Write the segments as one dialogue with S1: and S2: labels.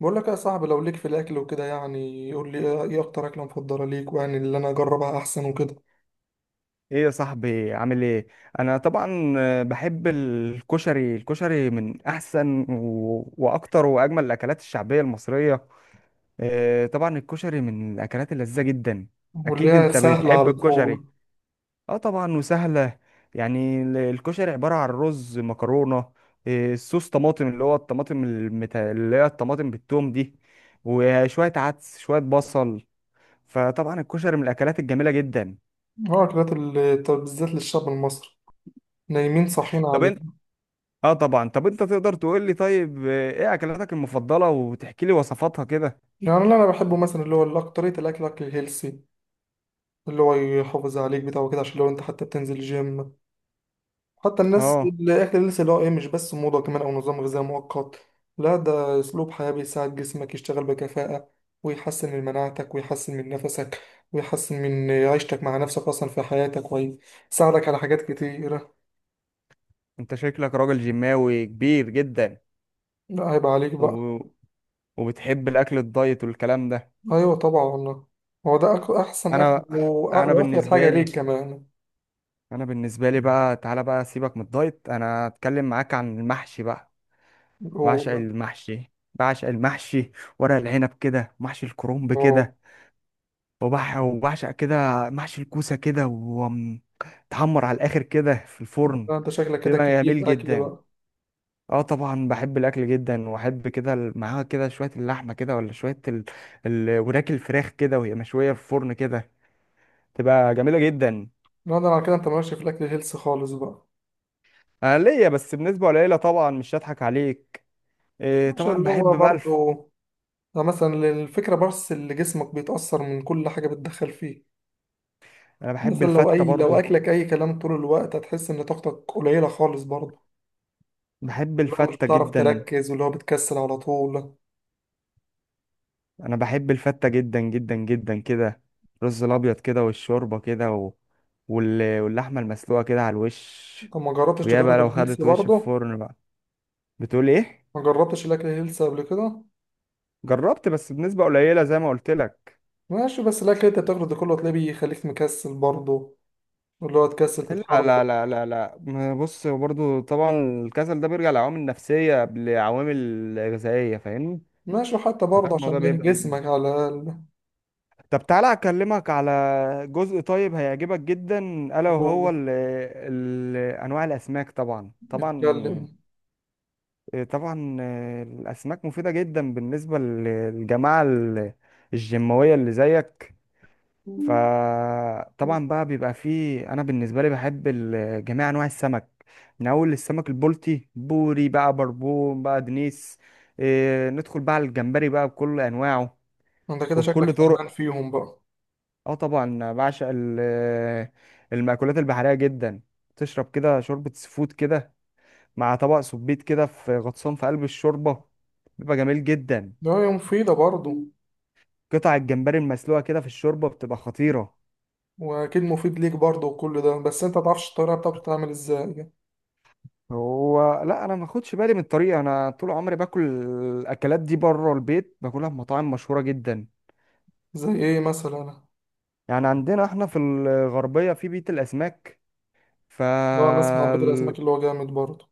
S1: بقول لك يا صاحبي، لو ليك في الاكل وكده يعني قول لي إيه اكتر اكله مفضله ليك، ويعني اللي انا اجربها احسن وكده.
S2: ايه يا صاحبي؟ عامل ايه؟ انا طبعا بحب الكشري. الكشري من احسن واكتر واجمل الاكلات الشعبيه المصريه. آه، طبعا الكشري من الاكلات اللذيذه جدا.
S1: واللي
S2: اكيد،
S1: هي
S2: انت
S1: سهله
S2: بتحب
S1: على
S2: الكشري.
S1: طول.
S2: اه، طبعا وسهله. يعني الكشري عباره عن رز مكرونه، آه، صوص طماطم، اللي هو الطماطم اللي هي الطماطم بالثوم دي، وشويه عدس، شويه بصل. فطبعا الكشري من الاكلات الجميله جدا.
S1: اه، اكلات طب بالذات للشعب المصري، نايمين صاحيين
S2: طب،
S1: عليه.
S2: اه، طبعا. طب انت تقدر تقول لي؟ طيب، ايه اكلاتك المفضله؟ وتحكي لي وصفاتها كده.
S1: يعني اللي انا بحبه مثلا اللي هو اكتريه الاكل، اكل هيلسي اللي هو يحافظ عليك بتاعه كده، عشان لو انت حتى بتنزل جيم، حتى الناس
S2: اه،
S1: اللي اكل لسه اللي هو ايه، مش بس موضة كمان او نظام غذائي مؤقت. لا، ده اسلوب حياة بيساعد جسمك يشتغل بكفاءة، ويحسن من مناعتك ويحسن من نفسك، ويحسن من عيشتك مع نفسك اصلا في حياتك، ويساعدك على حاجات كتيرة.
S2: انت شكلك راجل جيماوي كبير جدا
S1: لا، هيبقى عليك بقى.
S2: و... وبتحب الاكل الدايت والكلام ده؟
S1: ايوه طبعا والله، هو ده احسن اكل
S2: انا انا
S1: وافيد
S2: بالنسبه
S1: حاجة
S2: لي
S1: ليك كمان.
S2: انا بالنسبه لي بقى، تعالى بقى سيبك من الدايت، انا اتكلم معاك عن المحشي بقى. بعشق
S1: هو
S2: المحشي، بعشق المحشي. ورق العنب كده، محشي الكرنب
S1: هو
S2: كده، وبعشق كده محشي الكوسة كده، ومتحمر على الآخر كده في الفرن.
S1: لا، انت شكلك كده
S2: بيبقى
S1: كيف
S2: جميل
S1: اكل
S2: جدا.
S1: بقى.
S2: اه، طبعا بحب الأكل جدا، وأحب كده معاها كده شوية اللحمة كده، ولا شوية وراك الفراخ كده، وهي مشوية في الفرن كده، تبقى جميلة جدا.
S1: لا، ده على كده انت ماشي في الاكل هيلث خالص بقى.
S2: أنا ليا بس بنسبة قليلة طبعا، مش هضحك عليك. إيه،
S1: عشان
S2: طبعا
S1: اللي هو
S2: بحب بقى.
S1: برضه، ده مثلا الفكرة بس، اللي جسمك بيتأثر من كل حاجة بتدخل فيه.
S2: أنا بحب
S1: مثلا لو
S2: الفتة
S1: أي، لو
S2: برضه.
S1: أكلك أي كلام طول الوقت هتحس إن طاقتك قليلة خالص برضه.
S2: بحب
S1: اللي هو مش
S2: الفتة
S1: بتعرف
S2: جدا.
S1: تركز، واللي هو بتكسل على طول.
S2: انا بحب الفتة جدا جدا جدا كده. الرز الابيض كده، والشوربة كده، واللحمة المسلوقة كده على الوش.
S1: طب ما جربتش
S2: ويا بقى
S1: تجرب
S2: لو
S1: الهيلثي
S2: خدت وش في
S1: برضه؟
S2: الفرن بقى. بتقول ايه؟
S1: ما جربتش الأكل الهيلثي قبل كده؟
S2: جربت، بس بنسبة قليلة زي ما قلت لك.
S1: ماشي، بس الأكل اللي أنت بتاخده ده كله هتلاقيه بيخليك مكسل برضه، واللي هو تكسل
S2: لا،
S1: تتحرك.
S2: لا، لا، لا، لا، ما بص برضو طبعا. الكسل ده بيرجع لعوامل نفسية قبل عوامل غذائية، فاهمني؟
S1: ماشي، حتى
S2: فده
S1: برضه
S2: الموضوع
S1: عشان إيه
S2: بيبدأ من.
S1: جسمك على الأقل
S2: طب، تعالى اكلمك على جزء طيب هيعجبك جدا. الا وهو ال انواع الاسماك. طبعا،
S1: يتكلم.
S2: طبعا. آه، طبعا، الاسماك مفيده جدا بالنسبه للجماعه الجيماويه اللي زيك. فطبعا بقى بيبقى فيه، انا بالنسبه لي بحب جميع انواع السمك، من اول السمك البلطي، بوري بقى، بربون بقى، دنيس. آه، ندخل بقى على الجمبري بقى، بكل انواعه
S1: أنت كده شكلك
S2: وبكل طرق.
S1: فهمان فيهم بقى.
S2: اه، طبعا بعشق المأكولات البحريه جدا. تشرب كده شوربه سفود كده، مع طبق سبيت كده في غطسان في قلب الشوربه، بيبقى جميل جدا.
S1: ده هي مفيدة برضه،
S2: قطع الجمبري المسلوقه كده في الشوربه بتبقى خطيره.
S1: واكيد مفيد ليك برضه وكل ده، بس انت متعرفش الطريقه بتاعته بتتعمل ازاي يعني.
S2: هو لا، انا ما اخدش بالي من الطريقه. انا طول عمري باكل الاكلات دي بره البيت، باكلها في مطاعم مشهوره جدا.
S1: زي ايه مثلا؟
S2: يعني عندنا احنا في الغربيه في بيت الاسماك. ف
S1: لو انا اسمع بيت الاسماك اللي هو جامد برضه.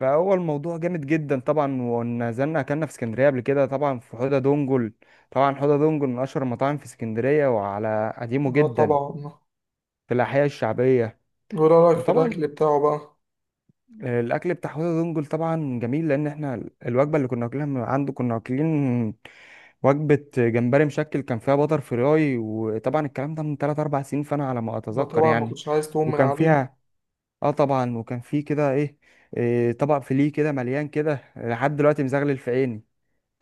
S2: فهو الموضوع جامد جدا طبعا. ونزلنا اكلنا في اسكندريه قبل كده، طبعا في حوضه دونجل. طبعا حوضه دونجل من اشهر المطاعم في اسكندريه، وعلى قديمه
S1: اه
S2: جدا،
S1: طبعا.
S2: في الاحياء الشعبيه.
S1: وايه رايك في
S2: وطبعا
S1: الاكل بتاعه بقى؟
S2: الاكل بتاع حوضة دونجل طبعا جميل، لان احنا الوجبه اللي كنا واكلينها من عنده، كنا واكلين وجبه جمبري مشكل، كان فيها بطر فراي. وطبعا الكلام ده من 3 4 سنين، فانا على ما
S1: لا
S2: اتذكر
S1: طبعا، ما
S2: يعني.
S1: كنتش عايز تقوم من
S2: وكان
S1: عليه.
S2: فيها، اه طبعا وكان فيه كده ايه، إيه طبق فيليه كده مليان كده، لحد دلوقتي مزغلل في عيني.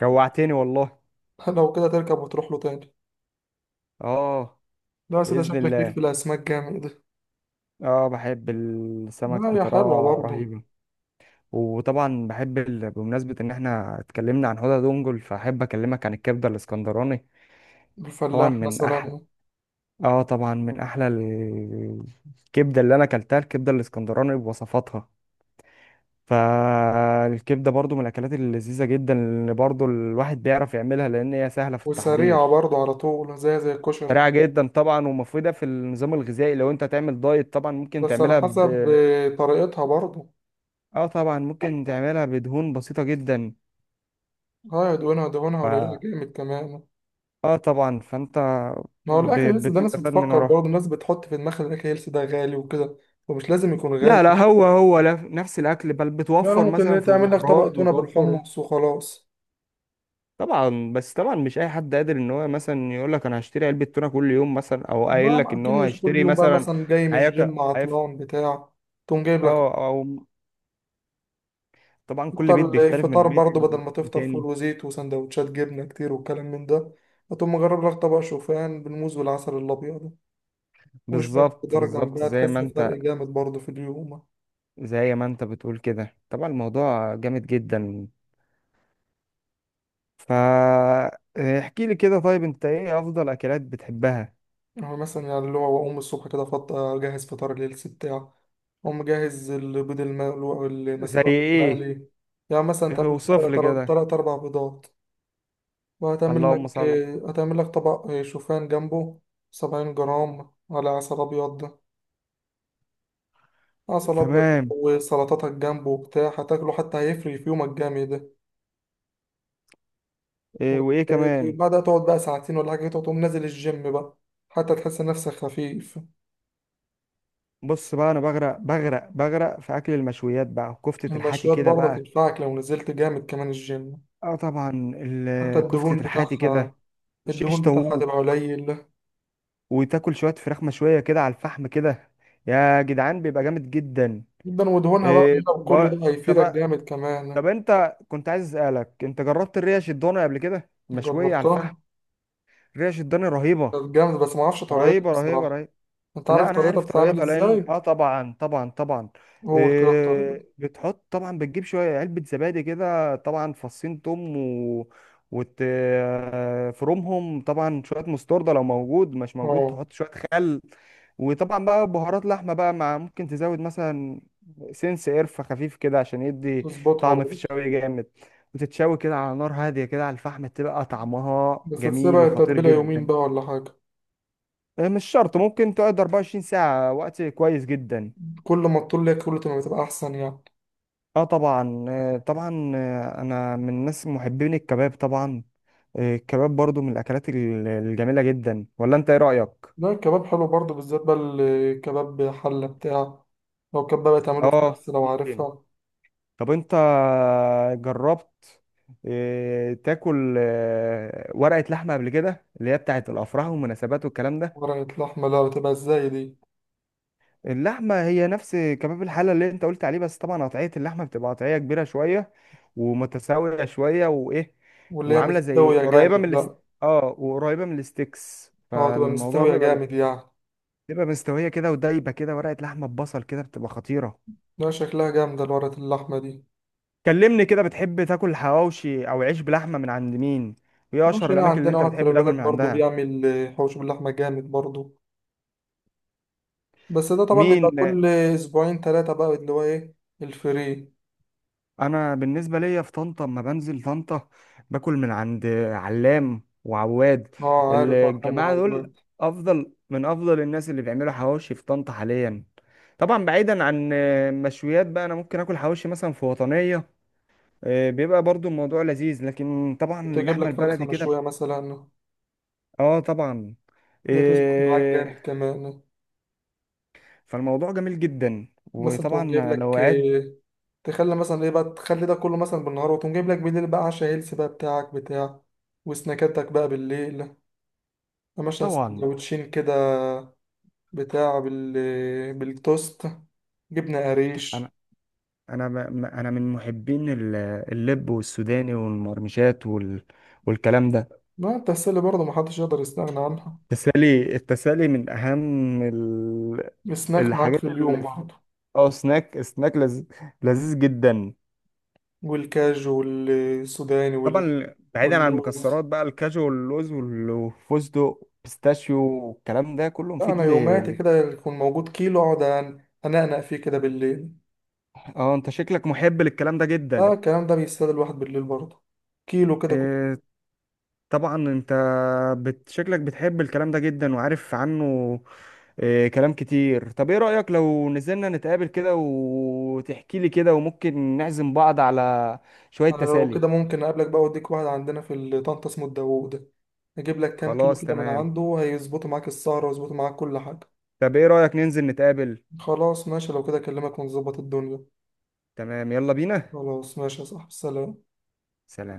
S2: جوعتني والله.
S1: لو كده تركب وتروح له تاني.
S2: اه،
S1: لا يا سيدي،
S2: باذن
S1: شكلك ليك
S2: الله.
S1: في الاسماك جامد.
S2: اه، بحب
S1: لا،
S2: السمك
S1: هي حلوه
S2: بطريقه
S1: برضه.
S2: رهيبه. وطبعا بحب بمناسبة إن إحنا اتكلمنا عن هدى دونجل، فأحب أكلمك عن الكبدة الإسكندراني. طبعا
S1: الفلاح
S2: من أحلى،
S1: مثلا.
S2: طبعا من أحلى الكبدة اللي أنا أكلتها، الكبدة الإسكندراني بوصفاتها. فالكبدة برضو من الأكلات اللذيذة جدا، اللي برضو الواحد بيعرف يعملها لأن هي سهلة في
S1: وسريعه
S2: التحضير.
S1: برضه على طول، زي الكشري.
S2: سريعة جدا طبعا، ومفيدة في النظام الغذائي. لو أنت تعمل دايت طبعا ممكن
S1: بس على
S2: تعملها ب.
S1: حسب طريقتها برضه.
S2: طبعا ممكن تعملها بدهون بسيطة جدا.
S1: اه، دهونها قليله جامد كمان.
S2: اه، طبعا فانت
S1: ما هو الأكل هيلث ده الناس
S2: بتستفاد من
S1: بتفكر
S2: وراها.
S1: برضه، الناس بتحط في دماغها إن الأكل هيلث ده غالي وكده، ومش لازم يكون غالي.
S2: لا، لا، هو نفس الاكل، بل
S1: يعني
S2: بتوفر مثلا
S1: ممكن
S2: في
S1: تعمل لك
S2: البهارات،
S1: طبق تونة
S2: بتوفر.
S1: بالحمص وخلاص.
S2: طبعا، بس طبعا مش اي حد قادر ان هو مثلا يقول لك انا هشتري علبه تونه كل يوم مثلا، او
S1: لا،
S2: قايل لك
S1: ما
S2: ان
S1: أكيد
S2: هو
S1: مش كل
S2: هيشتري
S1: يوم بقى
S2: مثلا.
S1: مثلا، جاي من
S2: هياكل
S1: الجيم
S2: هيف-
S1: عطلان بتاع، تقوم جايب لك.
S2: اه او طبعا كل بيت
S1: تفطر
S2: بيختلف من
S1: الفطار
S2: البيت
S1: برضه، بدل ما تفطر فول
S2: التاني.
S1: وزيت وسندوتشات جبنة كتير والكلام من ده، هتقوم مجرب لك طبق شوفان بالموز والعسل الأبيض وشوية
S2: بالظبط،
S1: خضار
S2: بالظبط،
S1: جنبها،
S2: زي
S1: تحس
S2: ما انت
S1: بفرق جامد برضه في اليوم.
S2: زي ما انت بتقول كده، طبعا الموضوع جامد جدا. فا احكي لي كده، طيب انت، ايه افضل اكلات بتحبها؟
S1: هو مثلا يعني اللي هو أقوم الصبح كده، أجهز فطار ليلتي بتاع، أقوم مجهز البيض المقلوق
S2: زي
S1: المسلوق
S2: ايه؟
S1: المقلي. يعني مثلا
S2: ايه،
S1: تعمل لك
S2: اوصف لي كده.
S1: تلات أربع بيضات، وهتعمل
S2: اللهم
S1: لك
S2: صل.
S1: هتعمل لك طبق شوفان جنبه، 70 جرام على عسل أبيض، عسل أبيض،
S2: تمام.
S1: وسلطاتك جنبه وبتاع هتاكله، حتى هيفرق في يومك جامد ده.
S2: إيه، وايه كمان؟
S1: وبعدها تقعد بقى ساعتين ولا حاجة، تقوم نازل الجيم بقى، حتى تحس نفسك خفيف.
S2: بص بقى، انا بغرق، بغرق، بغرق في اكل المشويات بقى، كفتة الحاتي
S1: المشويات
S2: كده
S1: برضه
S2: بقى.
S1: تنفعك لو نزلت جامد كمان الجيم،
S2: اه، طبعا
S1: حتى الدهون
S2: كفتة الحاتي
S1: بتاعها،
S2: كده، شيش
S1: الدهون بتاعها
S2: طاووق،
S1: تبقى قليل
S2: وتاكل شوية فراخ مشوية كده على الفحم كده، يا جدعان بيبقى جامد جدا.
S1: جدا، ودهونها بقى
S2: إيه
S1: قليلة وكل ده
S2: بقى.
S1: هيفيدك
S2: طب
S1: جامد كمان.
S2: طب انت كنت عايز اسالك، انت جربت الريش الضاني قبل كده مشوية على الفحم؟
S1: جربتها،
S2: ريش الضاني رهيبة،
S1: كانت جامد بس ما اعرفش طريقتها
S2: رهيبة، رهيبة،
S1: بصراحة.
S2: رهيبة.
S1: انت
S2: لا،
S1: عارف
S2: انا
S1: طريقتها
S2: عارف
S1: بتتعمل
S2: طريقتها لان،
S1: ازاي؟
S2: طبعا، طبعا، طبعا.
S1: قول كده الطريقة.
S2: إيه، بتحط طبعا، بتجيب شويه، علبه زبادي كده طبعا، فصين توم و. وتفرمهم، طبعا شويه مستورده لو موجود، مش موجود
S1: اه،
S2: تحط شويه خل. وطبعا بقى بهارات لحمه بقى، مع ممكن تزود مثلا سنس قرفه خفيف كده عشان يدي
S1: تظبطها
S2: طعم في
S1: برضه.
S2: الشوي جامد. وتتشوي كده على نار هاديه كده على الفحم، تبقى طعمها
S1: بس
S2: جميل
S1: تسيبها
S2: وخطير
S1: تتبيلة يومين بقى
S2: جدا.
S1: ولا حاجة؟
S2: آه، مش شرط، ممكن تقعد 24 ساعة، وقت كويس جدا.
S1: كل ما تطول ليها كل ما بتبقى أحسن يعني.
S2: اه، طبعا، آه، طبعا، آه، انا من الناس محبين الكباب طبعا. آه، الكباب برضو من الاكلات الجميلة جدا، ولا انت ايه رأيك؟
S1: لا، الكباب حلو برضه، بالذات بقى الكباب حلة بتاع، لو كباب بتعمله في
S2: اه،
S1: كبس لو
S2: ممكن.
S1: عارفها.
S2: طب انت جربت، تاكل ورقة لحمة قبل كده، اللي هي بتاعت الافراح والمناسبات والكلام ده؟
S1: ورقة لحمة؟ لا، بتبقى ازاي دي؟
S2: اللحمة هي نفس كباب الحلة اللي انت قلت عليه، بس طبعا قطعية اللحمة بتبقى قطعية كبيرة شوية، ومتساوية شوية، وايه،
S1: واللي هي
S2: وعاملة زي
S1: مستوية
S2: قريبة
S1: جامد
S2: من الاست...
S1: بقى.
S2: اه وقريبة من الستيكس،
S1: اه تبقى
S2: فالموضوع
S1: مستوية
S2: بيبقى
S1: جامد
S2: جميل.
S1: يعني.
S2: بتبقى مستوية كده ودايبة كده، ورقة لحمة ببصل كده، بتبقى خطيرة.
S1: لا، شكلها جامدة الورقة اللحمة دي.
S2: كلمني كده، بتحب تاكل حواوشي او عيش بلحمة من عند مين؟ وايه
S1: مش
S2: اشهر
S1: هنا،
S2: الاماكن اللي
S1: عندنا
S2: انت
S1: واحد في
S2: بتحب تاكل
S1: البلد
S2: من
S1: برضه
S2: عندها؟
S1: بيعمل حوش باللحمة جامد برضه، بس ده طبعا
S2: مين؟
S1: بيبقى كل أسبوعين تلاتة بقى، اللي هو إيه، الفري.
S2: انا بالنسبه ليا، في طنطا اما بنزل طنطا باكل من عند علام وعواد.
S1: اه عارف، أرقام
S2: الجماعه دول،
S1: وعواد.
S2: افضل من افضل الناس اللي بيعملوا حواوشي في طنطا حاليا. طبعا بعيدا عن مشويات بقى، انا ممكن اكل حواوشي مثلا في وطنيه. آه، بيبقى برضو الموضوع لذيذ، لكن طبعا
S1: تجيب
S2: اللحمه
S1: لك فرخة
S2: البلدي كده.
S1: مشوية مثلا،
S2: اه، طبعا،
S1: دي تظبط معاك
S2: آه،
S1: جامد كمان.
S2: فالموضوع جميل جدا.
S1: مثلا تقوم جايب
S2: وطبعا لو
S1: لك
S2: قعدت
S1: تخلي مثلا إيه بقى، تخلي ده كله مثلا بالنهار، وتقوم جايب لك بالليل بقى عشا هيلث بقى بتاعك بتاع، وسناكاتك بقى بالليل، مثلا
S2: طبعا.
S1: سندوتشين كده بتاع بالتوست، جبنة
S2: انا
S1: قريش.
S2: انا ما ما- انا من محبين اللب والسوداني والمرمشات والكلام ده.
S1: ما التسلي برضه محدش يقدر يستغنى عنها،
S2: التسالي من اهم
S1: السناك معاك
S2: الحاجات
S1: في
S2: اللي
S1: اليوم
S2: في-
S1: برضه،
S2: اه سناك لذيذ جدا.
S1: والكاجو والسوداني
S2: طبعا بعيدا عن
S1: واللوز.
S2: المكسرات بقى، الكاجو واللوز والفستق بيستاشيو والكلام ده كله مفيد
S1: أنا
S2: ل...
S1: يوماتي
S2: ل-
S1: كده يكون موجود كيلو، أقعد أنقنق فيه كده بالليل.
S2: اه، انت شكلك محب للكلام ده
S1: آه،
S2: جدا.
S1: الكلام ده بيستاهل الواحد بالليل برضه، كيلو كده.
S2: آه، طبعا انت شكلك بتحب الكلام ده جدا وعارف عنه. آه، كلام كتير. طب ايه رأيك لو نزلنا نتقابل كده، وتحكي لي كده، وممكن نعزم بعض على شوية
S1: أنا لو
S2: تسالي؟
S1: كده ممكن أقابلك بقى، وأديك واحد عندنا في طنطا اسمه الداوود، أجيب لك كام كيلو
S2: خلاص،
S1: كده من
S2: تمام.
S1: عنده هيظبطوا معاك السهرة ويظبطوا معاك كل حاجة.
S2: طب ايه رأيك ننزل نتقابل؟
S1: خلاص ماشي، لو كده أكلمك ونظبط الدنيا.
S2: تمام، يلا بينا.
S1: خلاص ماشي يا صاحبي، سلام.
S2: سلام.